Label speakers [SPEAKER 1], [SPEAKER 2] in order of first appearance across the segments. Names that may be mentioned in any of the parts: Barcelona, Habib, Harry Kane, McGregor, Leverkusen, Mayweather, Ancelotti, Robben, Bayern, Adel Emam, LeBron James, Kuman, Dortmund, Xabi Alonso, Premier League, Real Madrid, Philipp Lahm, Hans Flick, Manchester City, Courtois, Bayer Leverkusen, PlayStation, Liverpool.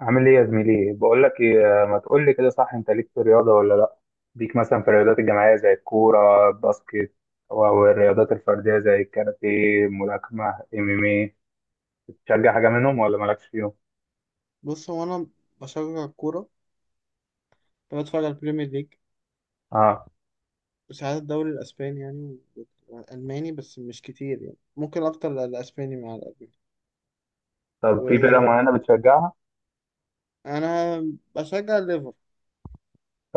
[SPEAKER 1] عامل ايه يا زميلي؟ بقول لك ايه، ما تقول لي كده، صح؟ انت ليك في الرياضه ولا لا؟ ليك مثلا في الرياضات الجماعيه زي الكوره الباسكت او الرياضات الفرديه زي الكاراتيه الملاكمه MMA، بتشجع حاجه منهم ولا مالكش فيهم؟
[SPEAKER 2] بص، هو انا بشجع الكوره. بتفرج على البريمير ليج
[SPEAKER 1] اه،
[SPEAKER 2] وساعات الدوري الاسباني، يعني، والالماني بس مش كتير. يعني ممكن اكتر الاسباني مع الالماني.
[SPEAKER 1] طب في فرقه
[SPEAKER 2] وانا
[SPEAKER 1] معينه بتشجعها؟
[SPEAKER 2] بشجع الليفر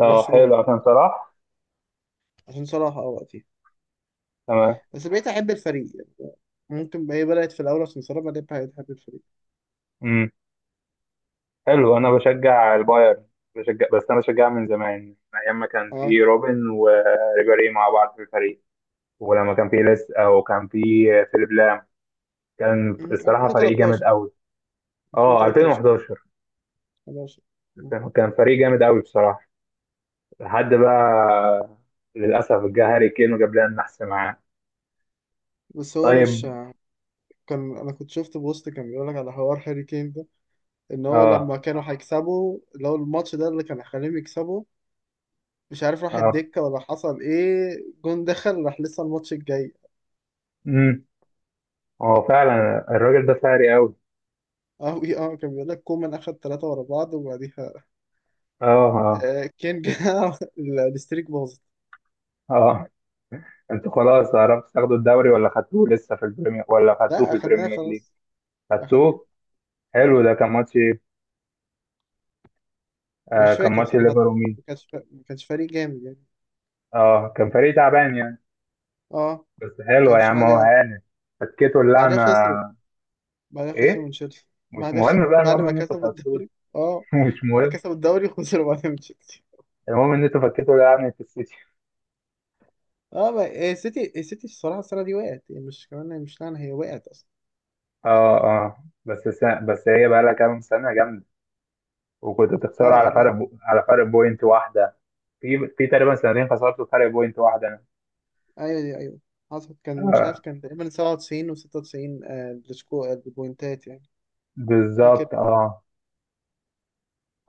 [SPEAKER 1] اه حلو، عشان صلاح.
[SPEAKER 2] عشان صلاح، اه، وقتي،
[SPEAKER 1] تمام.
[SPEAKER 2] بس بقيت احب الفريق، يعني ممكن بقى هي بدات في الاول عشان صلاح بعدين بقيت احب الفريق.
[SPEAKER 1] امم. حلو، انا بشجع البايرن، بشجع، بس انا بشجعها من زمان، من ايام ما كان
[SPEAKER 2] اه.
[SPEAKER 1] في روبن وريبيري مع بعض في الفريق، ولما كان في ليس او كان في فيليب لام، كان الصراحة فريق جامد
[SPEAKER 2] 2013.
[SPEAKER 1] قوي. اه
[SPEAKER 2] 2013.
[SPEAKER 1] 2011،
[SPEAKER 2] 11.
[SPEAKER 1] كان فريق جامد قوي بصراحة لحد بقى، للأسف جه هاري كين وجاب لنا النحس معاه.
[SPEAKER 2] بس هو مش.
[SPEAKER 1] طيب.
[SPEAKER 2] كان انا كنت شفت بوست كان بيقول لك على حوار هاري كين ده، ان هو لما
[SPEAKER 1] اه.
[SPEAKER 2] كانوا هيكسبوا لو الماتش ده اللي كان هيخليهم يكسبوا، مش عارف راح
[SPEAKER 1] اه.
[SPEAKER 2] الدكة ولا حصل ايه. جون دخل راح لسه الماتش الجاي.
[SPEAKER 1] امم. هو فعلا الراجل ده فاري قوي.
[SPEAKER 2] اه إيه، كان بيقول لك كومان اخد 3 ورا بعض وبعديها
[SPEAKER 1] اه. اه.
[SPEAKER 2] آه كين جه الستريك باظت.
[SPEAKER 1] اه انتوا خلاص عرفتوا تاخدوا الدوري ولا خدتوه لسه في البريمير، ولا خدتوه في
[SPEAKER 2] لا اخدناه
[SPEAKER 1] البريمير ليج؟
[SPEAKER 2] خلاص. اخدناه.
[SPEAKER 1] خدتوه.
[SPEAKER 2] اه.
[SPEAKER 1] حلو، ده كان ماتش ايه؟ آه
[SPEAKER 2] مش
[SPEAKER 1] كان
[SPEAKER 2] فاكر
[SPEAKER 1] ماتش
[SPEAKER 2] صراحة.
[SPEAKER 1] ليفر ومين؟
[SPEAKER 2] ما كانش فريق جامد يعني.
[SPEAKER 1] اه كان فريق تعبان يعني.
[SPEAKER 2] اه.
[SPEAKER 1] بس
[SPEAKER 2] ما
[SPEAKER 1] حلو يا
[SPEAKER 2] كانش
[SPEAKER 1] عم، هو
[SPEAKER 2] حاجة.
[SPEAKER 1] هانت، فكيتوا
[SPEAKER 2] بعدها
[SPEAKER 1] اللعنة.
[SPEAKER 2] خسروا. بعدها خسروا من
[SPEAKER 1] ايه،
[SPEAKER 2] تشيلسي.
[SPEAKER 1] مش
[SPEAKER 2] بعد خ...
[SPEAKER 1] مهم بقى،
[SPEAKER 2] بعد
[SPEAKER 1] المهم
[SPEAKER 2] ما
[SPEAKER 1] ان انتوا
[SPEAKER 2] كسبوا
[SPEAKER 1] خدتوه.
[SPEAKER 2] الدوري. اه،
[SPEAKER 1] مش مهم.
[SPEAKER 2] كسبوا الدوري خسروا بعدها من تشيلسي.
[SPEAKER 1] المهم ان انتوا فكيتوا يعني في السيتي.
[SPEAKER 2] إيه، السيتي السيتي الصراحه السنه دي وقعت، يعني مش كمان مش لعنه، هي وقعت اصلا.
[SPEAKER 1] اه اه، بس هي بقى لها كام سنه جامده، وكنتوا بتخسروا على
[SPEAKER 2] اه. لا.
[SPEAKER 1] على فرق بوينت واحده، في تقريبا سنتين خسرتوا فرق بوينت واحده.
[SPEAKER 2] ايوه دي ايوه. حصل، كان مش عارف،
[SPEAKER 1] آه
[SPEAKER 2] كان تقريبا 97 و96. آه السكو آه، البوينتات يعني. فاكر.
[SPEAKER 1] بالظبط اه.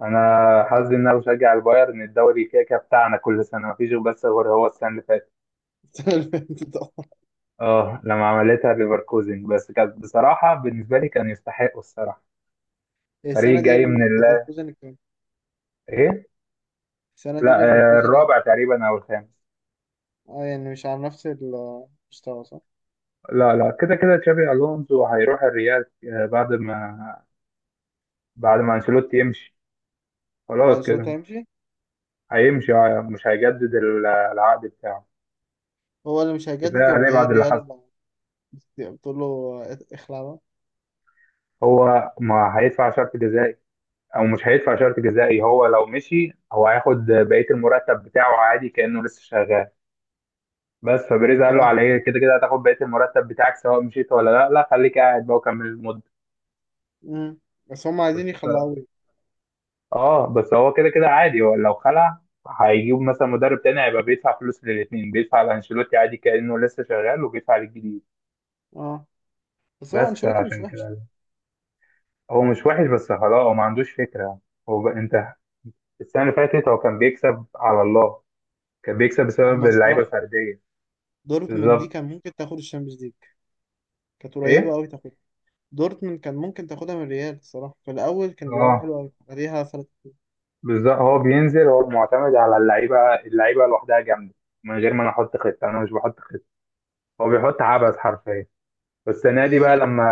[SPEAKER 1] انا
[SPEAKER 2] آه.
[SPEAKER 1] حظي ان انا بشجع البايرن، الدوري كده كده بتاعنا كل سنه، مفيش بس غير هو السنه اللي فاتت،
[SPEAKER 2] السنه اللي فاتت، آه.
[SPEAKER 1] اه لما عملتها ليفركوزن، بس كانت بصراحه بالنسبه لي كان يستحقوا الصراحه، فريق جاي من الله.
[SPEAKER 2] ليفركوزن كان.
[SPEAKER 1] ايه.
[SPEAKER 2] السنه دي
[SPEAKER 1] لا، آه،
[SPEAKER 2] ليفركوزن.
[SPEAKER 1] الرابع تقريبا او الخامس.
[SPEAKER 2] اه، يعني مش على نفس المستوى، صح؟
[SPEAKER 1] لا لا، كده كده تشابي الونسو هيروح الريال، آه، بعد ما، بعد ما انشيلوتي يمشي
[SPEAKER 2] هو
[SPEAKER 1] خلاص
[SPEAKER 2] انشيلوتي
[SPEAKER 1] كده.
[SPEAKER 2] هيمشي.
[SPEAKER 1] هيمشي آه، مش هيجدد العقد بتاعه،
[SPEAKER 2] هو اللي مش
[SPEAKER 1] كفايه
[SPEAKER 2] هيجدد
[SPEAKER 1] عليه
[SPEAKER 2] ولا هي
[SPEAKER 1] بعد اللي
[SPEAKER 2] الريال؟
[SPEAKER 1] حصل.
[SPEAKER 2] بتقول له آه، اخلع بقى.
[SPEAKER 1] هو ما هيدفع شرط جزائي، او مش هيدفع شرط جزائي، هو لو مشي هو هياخد بقيه المرتب بتاعه عادي كانه لسه شغال، بس فبريز قال له:
[SPEAKER 2] اه.
[SPEAKER 1] على ايه، كده كده هتاخد بقيه المرتب بتاعك سواء مشيت ولا لا، لا خليك قاعد بقى وكمل المده.
[SPEAKER 2] مم. بس هم
[SPEAKER 1] بس.
[SPEAKER 2] عايزين يخلعوه.
[SPEAKER 1] اه بس هو كده كده عادي، هو لو خلع هيجيب مثلا مدرب تاني، هيبقى بيدفع فلوس للاتنين، بيدفع لانشيلوتي عادي كأنه لسه شغال وبيدفع للجديد.
[SPEAKER 2] اه. بس هو
[SPEAKER 1] بس
[SPEAKER 2] انشيلوتي مش
[SPEAKER 1] عشان
[SPEAKER 2] وحش
[SPEAKER 1] كده،
[SPEAKER 2] يعني.
[SPEAKER 1] هو مش وحش بس خلاص هو ما عندوش فكرة، انت السنة اللي فاتت هو كان بيكسب على الله، كان بيكسب
[SPEAKER 2] هم
[SPEAKER 1] بسبب اللعيبة
[SPEAKER 2] الصراحة
[SPEAKER 1] الفردية.
[SPEAKER 2] دورتموند دي
[SPEAKER 1] بالظبط.
[SPEAKER 2] كان ممكن تاخد الشامبيونز ليج. كانت قريبة
[SPEAKER 1] ايه.
[SPEAKER 2] أوي تاخدها. دورتموند كان ممكن تاخدها من الريال الصراحة. في الأول كانوا بيلعبوا
[SPEAKER 1] اه
[SPEAKER 2] حلو أوي عليها فرق.
[SPEAKER 1] بالظبط، هو بينزل هو معتمد على اللعيبة، اللعيبة لوحدها جامدة، من غير ما انا احط خطة، انا مش بحط خطة، هو بيحط عبث حرفيا. والسنه دي
[SPEAKER 2] هي
[SPEAKER 1] بقى
[SPEAKER 2] خل...
[SPEAKER 1] لما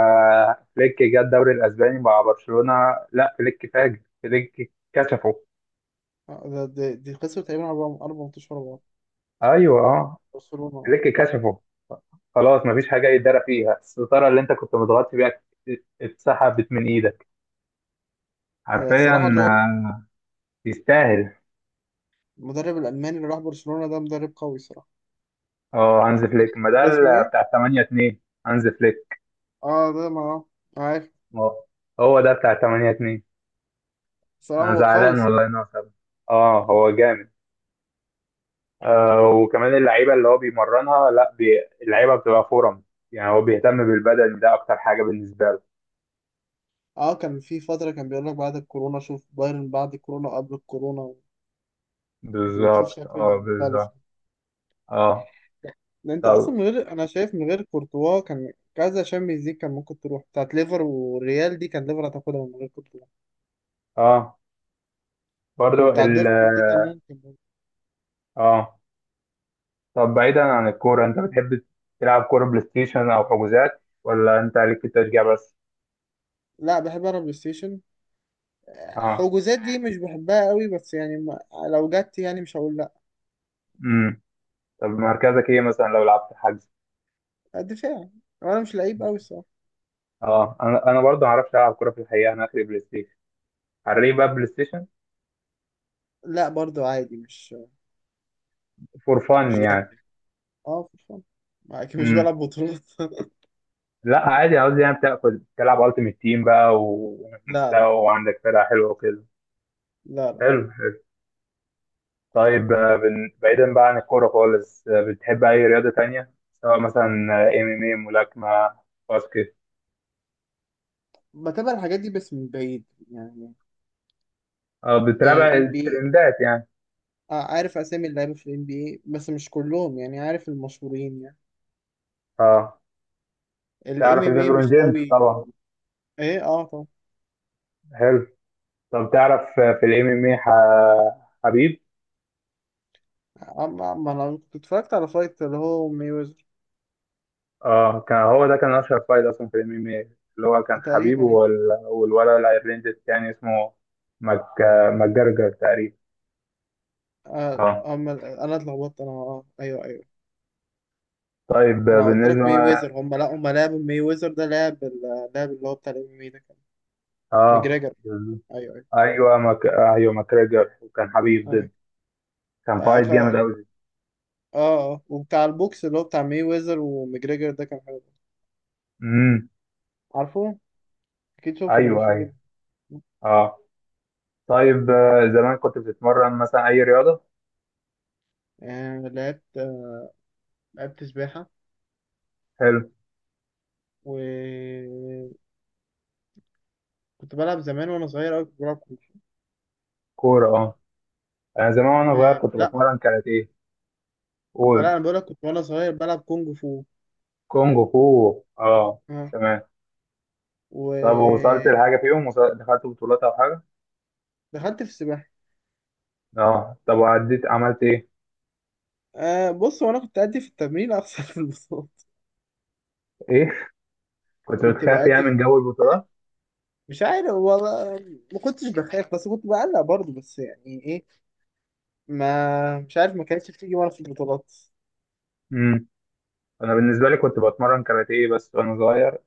[SPEAKER 1] فليك جه الدوري الاسباني مع برشلونه، لا فليك فاجر، فليك كشفه.
[SPEAKER 2] آه، دي خسروا تقريبا أربع أربع ماتشات ورا بعض.
[SPEAKER 1] ايوه اه،
[SPEAKER 2] برشلونة.
[SPEAKER 1] فليك كشفه، خلاص مفيش حاجه يتدرى فيها، الستاره اللي انت كنت متغطي بيها اتسحبت من ايدك
[SPEAKER 2] آه، صراحة
[SPEAKER 1] حرفيا،
[SPEAKER 2] اللي هو
[SPEAKER 1] آه، يستاهل.
[SPEAKER 2] المدرب الألماني اللي راح برشلونة ده مدرب قوي صراحة.
[SPEAKER 1] اه هانز فليك، ما ده
[SPEAKER 2] هو اسمه إيه؟
[SPEAKER 1] بتاع 8-2. هانز فليك.
[SPEAKER 2] آه ده ما عارف.
[SPEAKER 1] هو هو ده بتاع 8-2.
[SPEAKER 2] صراحة
[SPEAKER 1] انا
[SPEAKER 2] هو قوي
[SPEAKER 1] زعلان
[SPEAKER 2] صراحة.
[SPEAKER 1] والله انه سابه. اه هو جامد، آه وكمان اللعيبه اللي هو بيمرنها، لا بي... اللعيبه بتبقى فورم، يعني هو بيهتم بالبدن، ده اكتر حاجه بالنسبه له.
[SPEAKER 2] آه، كان في فترة كان بيقول لك بعد الكورونا شوف بايرن بعد الكورونا وقبل الكورونا، كنت بتشوف
[SPEAKER 1] بالظبط
[SPEAKER 2] شكل
[SPEAKER 1] اه
[SPEAKER 2] مختلف.
[SPEAKER 1] بالظبط. اه.
[SPEAKER 2] ده انت اصلا،
[SPEAKER 1] طب.
[SPEAKER 2] من غير انا شايف، من غير كورتوا كان كذا شامبيونز ليج كان ممكن تروح. بتاعت ليفر والريال دي كان ليفر هتاخدها من غير كورتوا.
[SPEAKER 1] اه برضو
[SPEAKER 2] وبتاعت
[SPEAKER 1] ال،
[SPEAKER 2] دورتموند دي كان ممكن برضه.
[SPEAKER 1] اه. طب بعيدا عن الكوره، انت بتحب تلعب كوره بلاي ستيشن او حجوزات، ولا انت ليك في التشجيع بس؟
[SPEAKER 2] لا بحب انا بلاي ستيشن.
[SPEAKER 1] اه.
[SPEAKER 2] حجوزات دي مش بحبها قوي بس يعني ما... لو جت يعني مش هقول لا.
[SPEAKER 1] امم. طب مركزك ايه مثلا لو لعبت حجز؟
[SPEAKER 2] دفاع. وانا مش لعيب قوي الصراحه.
[SPEAKER 1] اه انا، انا برضه ما اعرفش العب كوره في الحقيقه، انا اخري بلاي ستيشن. على ليه بقى بلاي ستيشن؟
[SPEAKER 2] لا برضو عادي، مش
[SPEAKER 1] فور فن
[SPEAKER 2] مش جامد.
[SPEAKER 1] يعني؟
[SPEAKER 2] اه في الفن، اكيد مش بلعب بطولات.
[SPEAKER 1] لا عادي، عاوز يعني بتاكل تلعب التيمت تيم بقى
[SPEAKER 2] لا، لا.
[SPEAKER 1] ومستوى وعندك فرقه حلوه وكده.
[SPEAKER 2] لا، لا.
[SPEAKER 1] حلو حلو. طيب آه، بعيدا بقى عن الكوره خالص، آه، بتحب اي رياضه تانية؟ سواء مثلا ام، ام اي، ملاكمه، باسكت.
[SPEAKER 2] بتابع الحاجات دي بس من بعيد، يعني.
[SPEAKER 1] اه
[SPEAKER 2] يعني
[SPEAKER 1] بتتابع
[SPEAKER 2] NBA.
[SPEAKER 1] الترندات يعني.
[SPEAKER 2] آه، عارف اسامي اللعيبه في الام بي اي بس مش كلهم، يعني عارف المشهورين يعني.
[SPEAKER 1] اه.
[SPEAKER 2] الام
[SPEAKER 1] تعرف
[SPEAKER 2] ام اي
[SPEAKER 1] ليبرون
[SPEAKER 2] مش
[SPEAKER 1] جيمس
[SPEAKER 2] قوي.
[SPEAKER 1] طبعا.
[SPEAKER 2] ايه، اه طبعا.
[SPEAKER 1] حلو. طب تعرف آه، في MMA، حبيب؟
[SPEAKER 2] آه، ما انا كنت اتفرجت على فايت اللي هو ميوزر
[SPEAKER 1] اه كان، هو ده كان اشهر فايت اصلا في MMA، اللي هو كان حبيب
[SPEAKER 2] تقريبا يعني.
[SPEAKER 1] والولد الايرلندي التاني اسمه مك... ماجرجر تقريبا.
[SPEAKER 2] آه،
[SPEAKER 1] اه.
[SPEAKER 2] انا اتلخبطت، انا، ايوه، ايوه.
[SPEAKER 1] طيب
[SPEAKER 2] انا قلت لك
[SPEAKER 1] بالنسبه
[SPEAKER 2] مي
[SPEAKER 1] ما...
[SPEAKER 2] ويزر، هم لا هم لعبوا، مي ويزر ده لعب، لعب اللي هو بتاع الام ام اي، ده كان
[SPEAKER 1] اه
[SPEAKER 2] مجريجر.
[SPEAKER 1] بالظبط.
[SPEAKER 2] ايوه، ايوه.
[SPEAKER 1] ايوه ايوه ماجرجر وكان حبيب
[SPEAKER 2] ايوه
[SPEAKER 1] ضد، كان
[SPEAKER 2] اه
[SPEAKER 1] فايت
[SPEAKER 2] خ-
[SPEAKER 1] جامد
[SPEAKER 2] اه
[SPEAKER 1] قوي.
[SPEAKER 2] آه. وبتاع البوكس اللي هو بتاع مي ويزر ومجريجر ده كان حلو.
[SPEAKER 1] امم.
[SPEAKER 2] عارفه. اكيد شفته، ده
[SPEAKER 1] ايوه
[SPEAKER 2] مشهور
[SPEAKER 1] ايوه.
[SPEAKER 2] جدا.
[SPEAKER 1] اه. طيب آه، زمان كنت بتتمرن مثلا اي رياضه؟
[SPEAKER 2] آه لعبت، لعبت سباحة.
[SPEAKER 1] حلو.
[SPEAKER 2] وكنت بلعب زمان وانا صغير قوي، كنت بلعب كونج فو.
[SPEAKER 1] كوره اه. انا زمان وانا صغير
[SPEAKER 2] آه،
[SPEAKER 1] كنت
[SPEAKER 2] لا.
[SPEAKER 1] بتمرن كاراتيه.
[SPEAKER 2] آه، لا،
[SPEAKER 1] قول.
[SPEAKER 2] انا بقولك كنت وانا صغير بلعب كونج فو.
[SPEAKER 1] كونغ فو اه.
[SPEAKER 2] اه.
[SPEAKER 1] تمام. طب ووصلت
[SPEAKER 2] ودخلت
[SPEAKER 1] لحاجة فيهم، دخلت بطولات أو حاجة؟
[SPEAKER 2] في السباحه.
[SPEAKER 1] اه طب وعديت عملت إيه؟
[SPEAKER 2] آه بص، وانا كنت ادي في التمرين اخسر في البطولات.
[SPEAKER 1] إيه؟ كنت
[SPEAKER 2] كنت
[SPEAKER 1] بتخاف يعني
[SPEAKER 2] بادي في،
[SPEAKER 1] من جو البطولات؟
[SPEAKER 2] مش عارف والله، ما كنتش بخاف بس كنت بعلق برضه، بس يعني ايه، ما مش عارف، ما كانتش بتيجي وانا في البطولات.
[SPEAKER 1] امم. أنا بالنسبة لي كنت بتمرن كاراتيه بس وأنا صغير،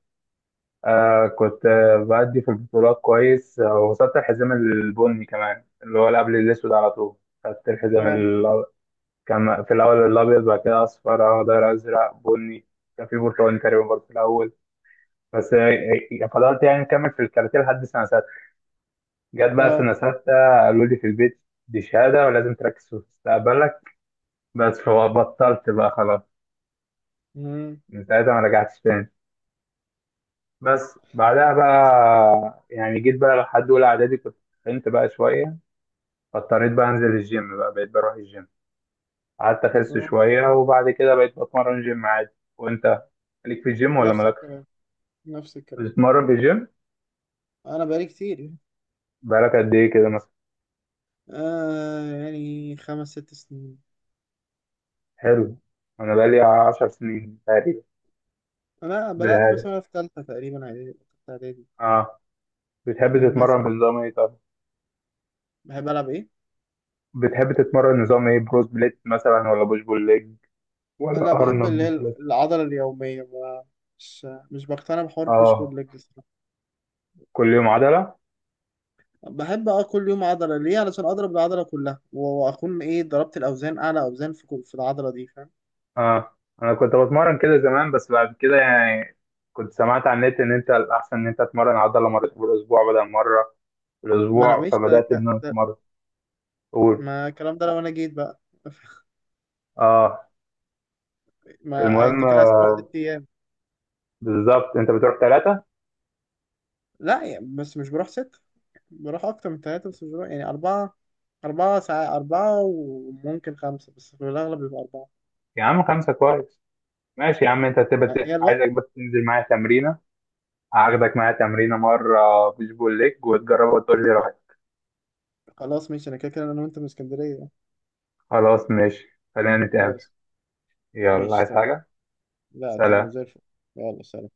[SPEAKER 1] آه كنت آه، بأدي في البطولات كويس، آه، وصلت الحزام البني كمان، اللي هو اللي قبل الأسود على طول، خدت الحزام
[SPEAKER 2] اه،
[SPEAKER 1] كان في الأول الأبيض بعد كده أصفر أخضر أزرق بني، كان في برتقالي تقريبا برضه في الأول، بس آه، آه، فضلت يعني مكمل في الكاراتيه لحد سنة، جت بقى
[SPEAKER 2] اه.
[SPEAKER 1] سنة ستة، قالوا لي في البيت دي شهادة ولازم تركز في مستقبلك، بس فبطلت بقى خلاص،
[SPEAKER 2] مم.
[SPEAKER 1] من ساعتها ما رجعتش تاني. بس بعدها بقى يعني جيت بقى لحد أولى إعدادي، كنت تخنت بقى شوية، فاضطريت بقى أنزل الجيم بقى، بقيت بروح الجيم، قعدت أخس
[SPEAKER 2] مم.
[SPEAKER 1] شوية، وبعد كده بقيت بتمرن جيم عادي. وأنت ليك في الجيم ولا
[SPEAKER 2] نفس
[SPEAKER 1] مالكش؟
[SPEAKER 2] الكلام. نفس الكلام.
[SPEAKER 1] بتتمرن في الجيم.
[SPEAKER 2] انا بقالي كتير،
[SPEAKER 1] بقالك قد إيه كده مثلا؟
[SPEAKER 2] آه، يعني 5 6 سنين.
[SPEAKER 1] حلو. أنا بقالي 10 سنين تقريبا.
[SPEAKER 2] انا بدات
[SPEAKER 1] بهذا.
[SPEAKER 2] مثلا في ثالثه تقريبا، اعدادي، تالتة اعدادي.
[SPEAKER 1] آه.
[SPEAKER 2] يعني
[SPEAKER 1] بتحب تتمرن
[SPEAKER 2] مثلا
[SPEAKER 1] بنظام إيه طيب؟
[SPEAKER 2] بحب العب ايه.
[SPEAKER 1] بتحب تتمرن نظام ايه، بروس بليت مثلا ولا بوش بول ليج ولا
[SPEAKER 2] لا، بحب اللي هي
[SPEAKER 1] ارنولد سبليت؟
[SPEAKER 2] العضله اليوميه. ما مش بقتنع بحوار بوش بول
[SPEAKER 1] اه
[SPEAKER 2] ليج الصراحه.
[SPEAKER 1] كل يوم عضلة.
[SPEAKER 2] بحب، اه، كل يوم عضله. ليه؟ علشان اضرب العضله كلها واكون ايه ضربت الاوزان، اعلى اوزان في في العضله دي، فاهم.
[SPEAKER 1] اه انا كنت بتمرن كده زمان، بس بعد كده يعني كنت سمعت على النت ان انت الاحسن ان انت تتمرن عضلة مرتين في الاسبوع بدل مرة في
[SPEAKER 2] ما انا
[SPEAKER 1] الاسبوع،
[SPEAKER 2] مش ده،
[SPEAKER 1] فبدأت ان انا
[SPEAKER 2] ده،
[SPEAKER 1] اتمرن. قول.
[SPEAKER 2] ما الكلام ده لو انا جيت بقى.
[SPEAKER 1] اه
[SPEAKER 2] ما
[SPEAKER 1] المهم
[SPEAKER 2] انت كده عايز تروح ست
[SPEAKER 1] آه،
[SPEAKER 2] ايام
[SPEAKER 1] بالظبط انت بتروح ثلاثة.
[SPEAKER 2] لا يعني، بس مش بروح ست، بروح اكتر من ثلاثه بس مش بروح يعني اربعه. أربعة ساعات، أربعة وممكن خمسة، بس في الأغلب بيبقى أربعة.
[SPEAKER 1] يا عم خمسة كويس، ماشي يا عم، انت
[SPEAKER 2] هي
[SPEAKER 1] تبقى
[SPEAKER 2] الوقت.
[SPEAKER 1] عايزك بس تنزل معايا تمرينة، هاخدك معايا تمرينة مرة بوش بول ليج وتجربها وتقول لي.
[SPEAKER 2] خلاص ماشي، انا كده كده انا وانت من اسكندريه.
[SPEAKER 1] خلاص ماشي، خلينا نتقابل.
[SPEAKER 2] خلاص.
[SPEAKER 1] يلا،
[SPEAKER 2] ماشي
[SPEAKER 1] عايز
[SPEAKER 2] تمام.
[SPEAKER 1] حاجة؟
[SPEAKER 2] لا تمام
[SPEAKER 1] سلام.
[SPEAKER 2] زي الفل. يلا سلام.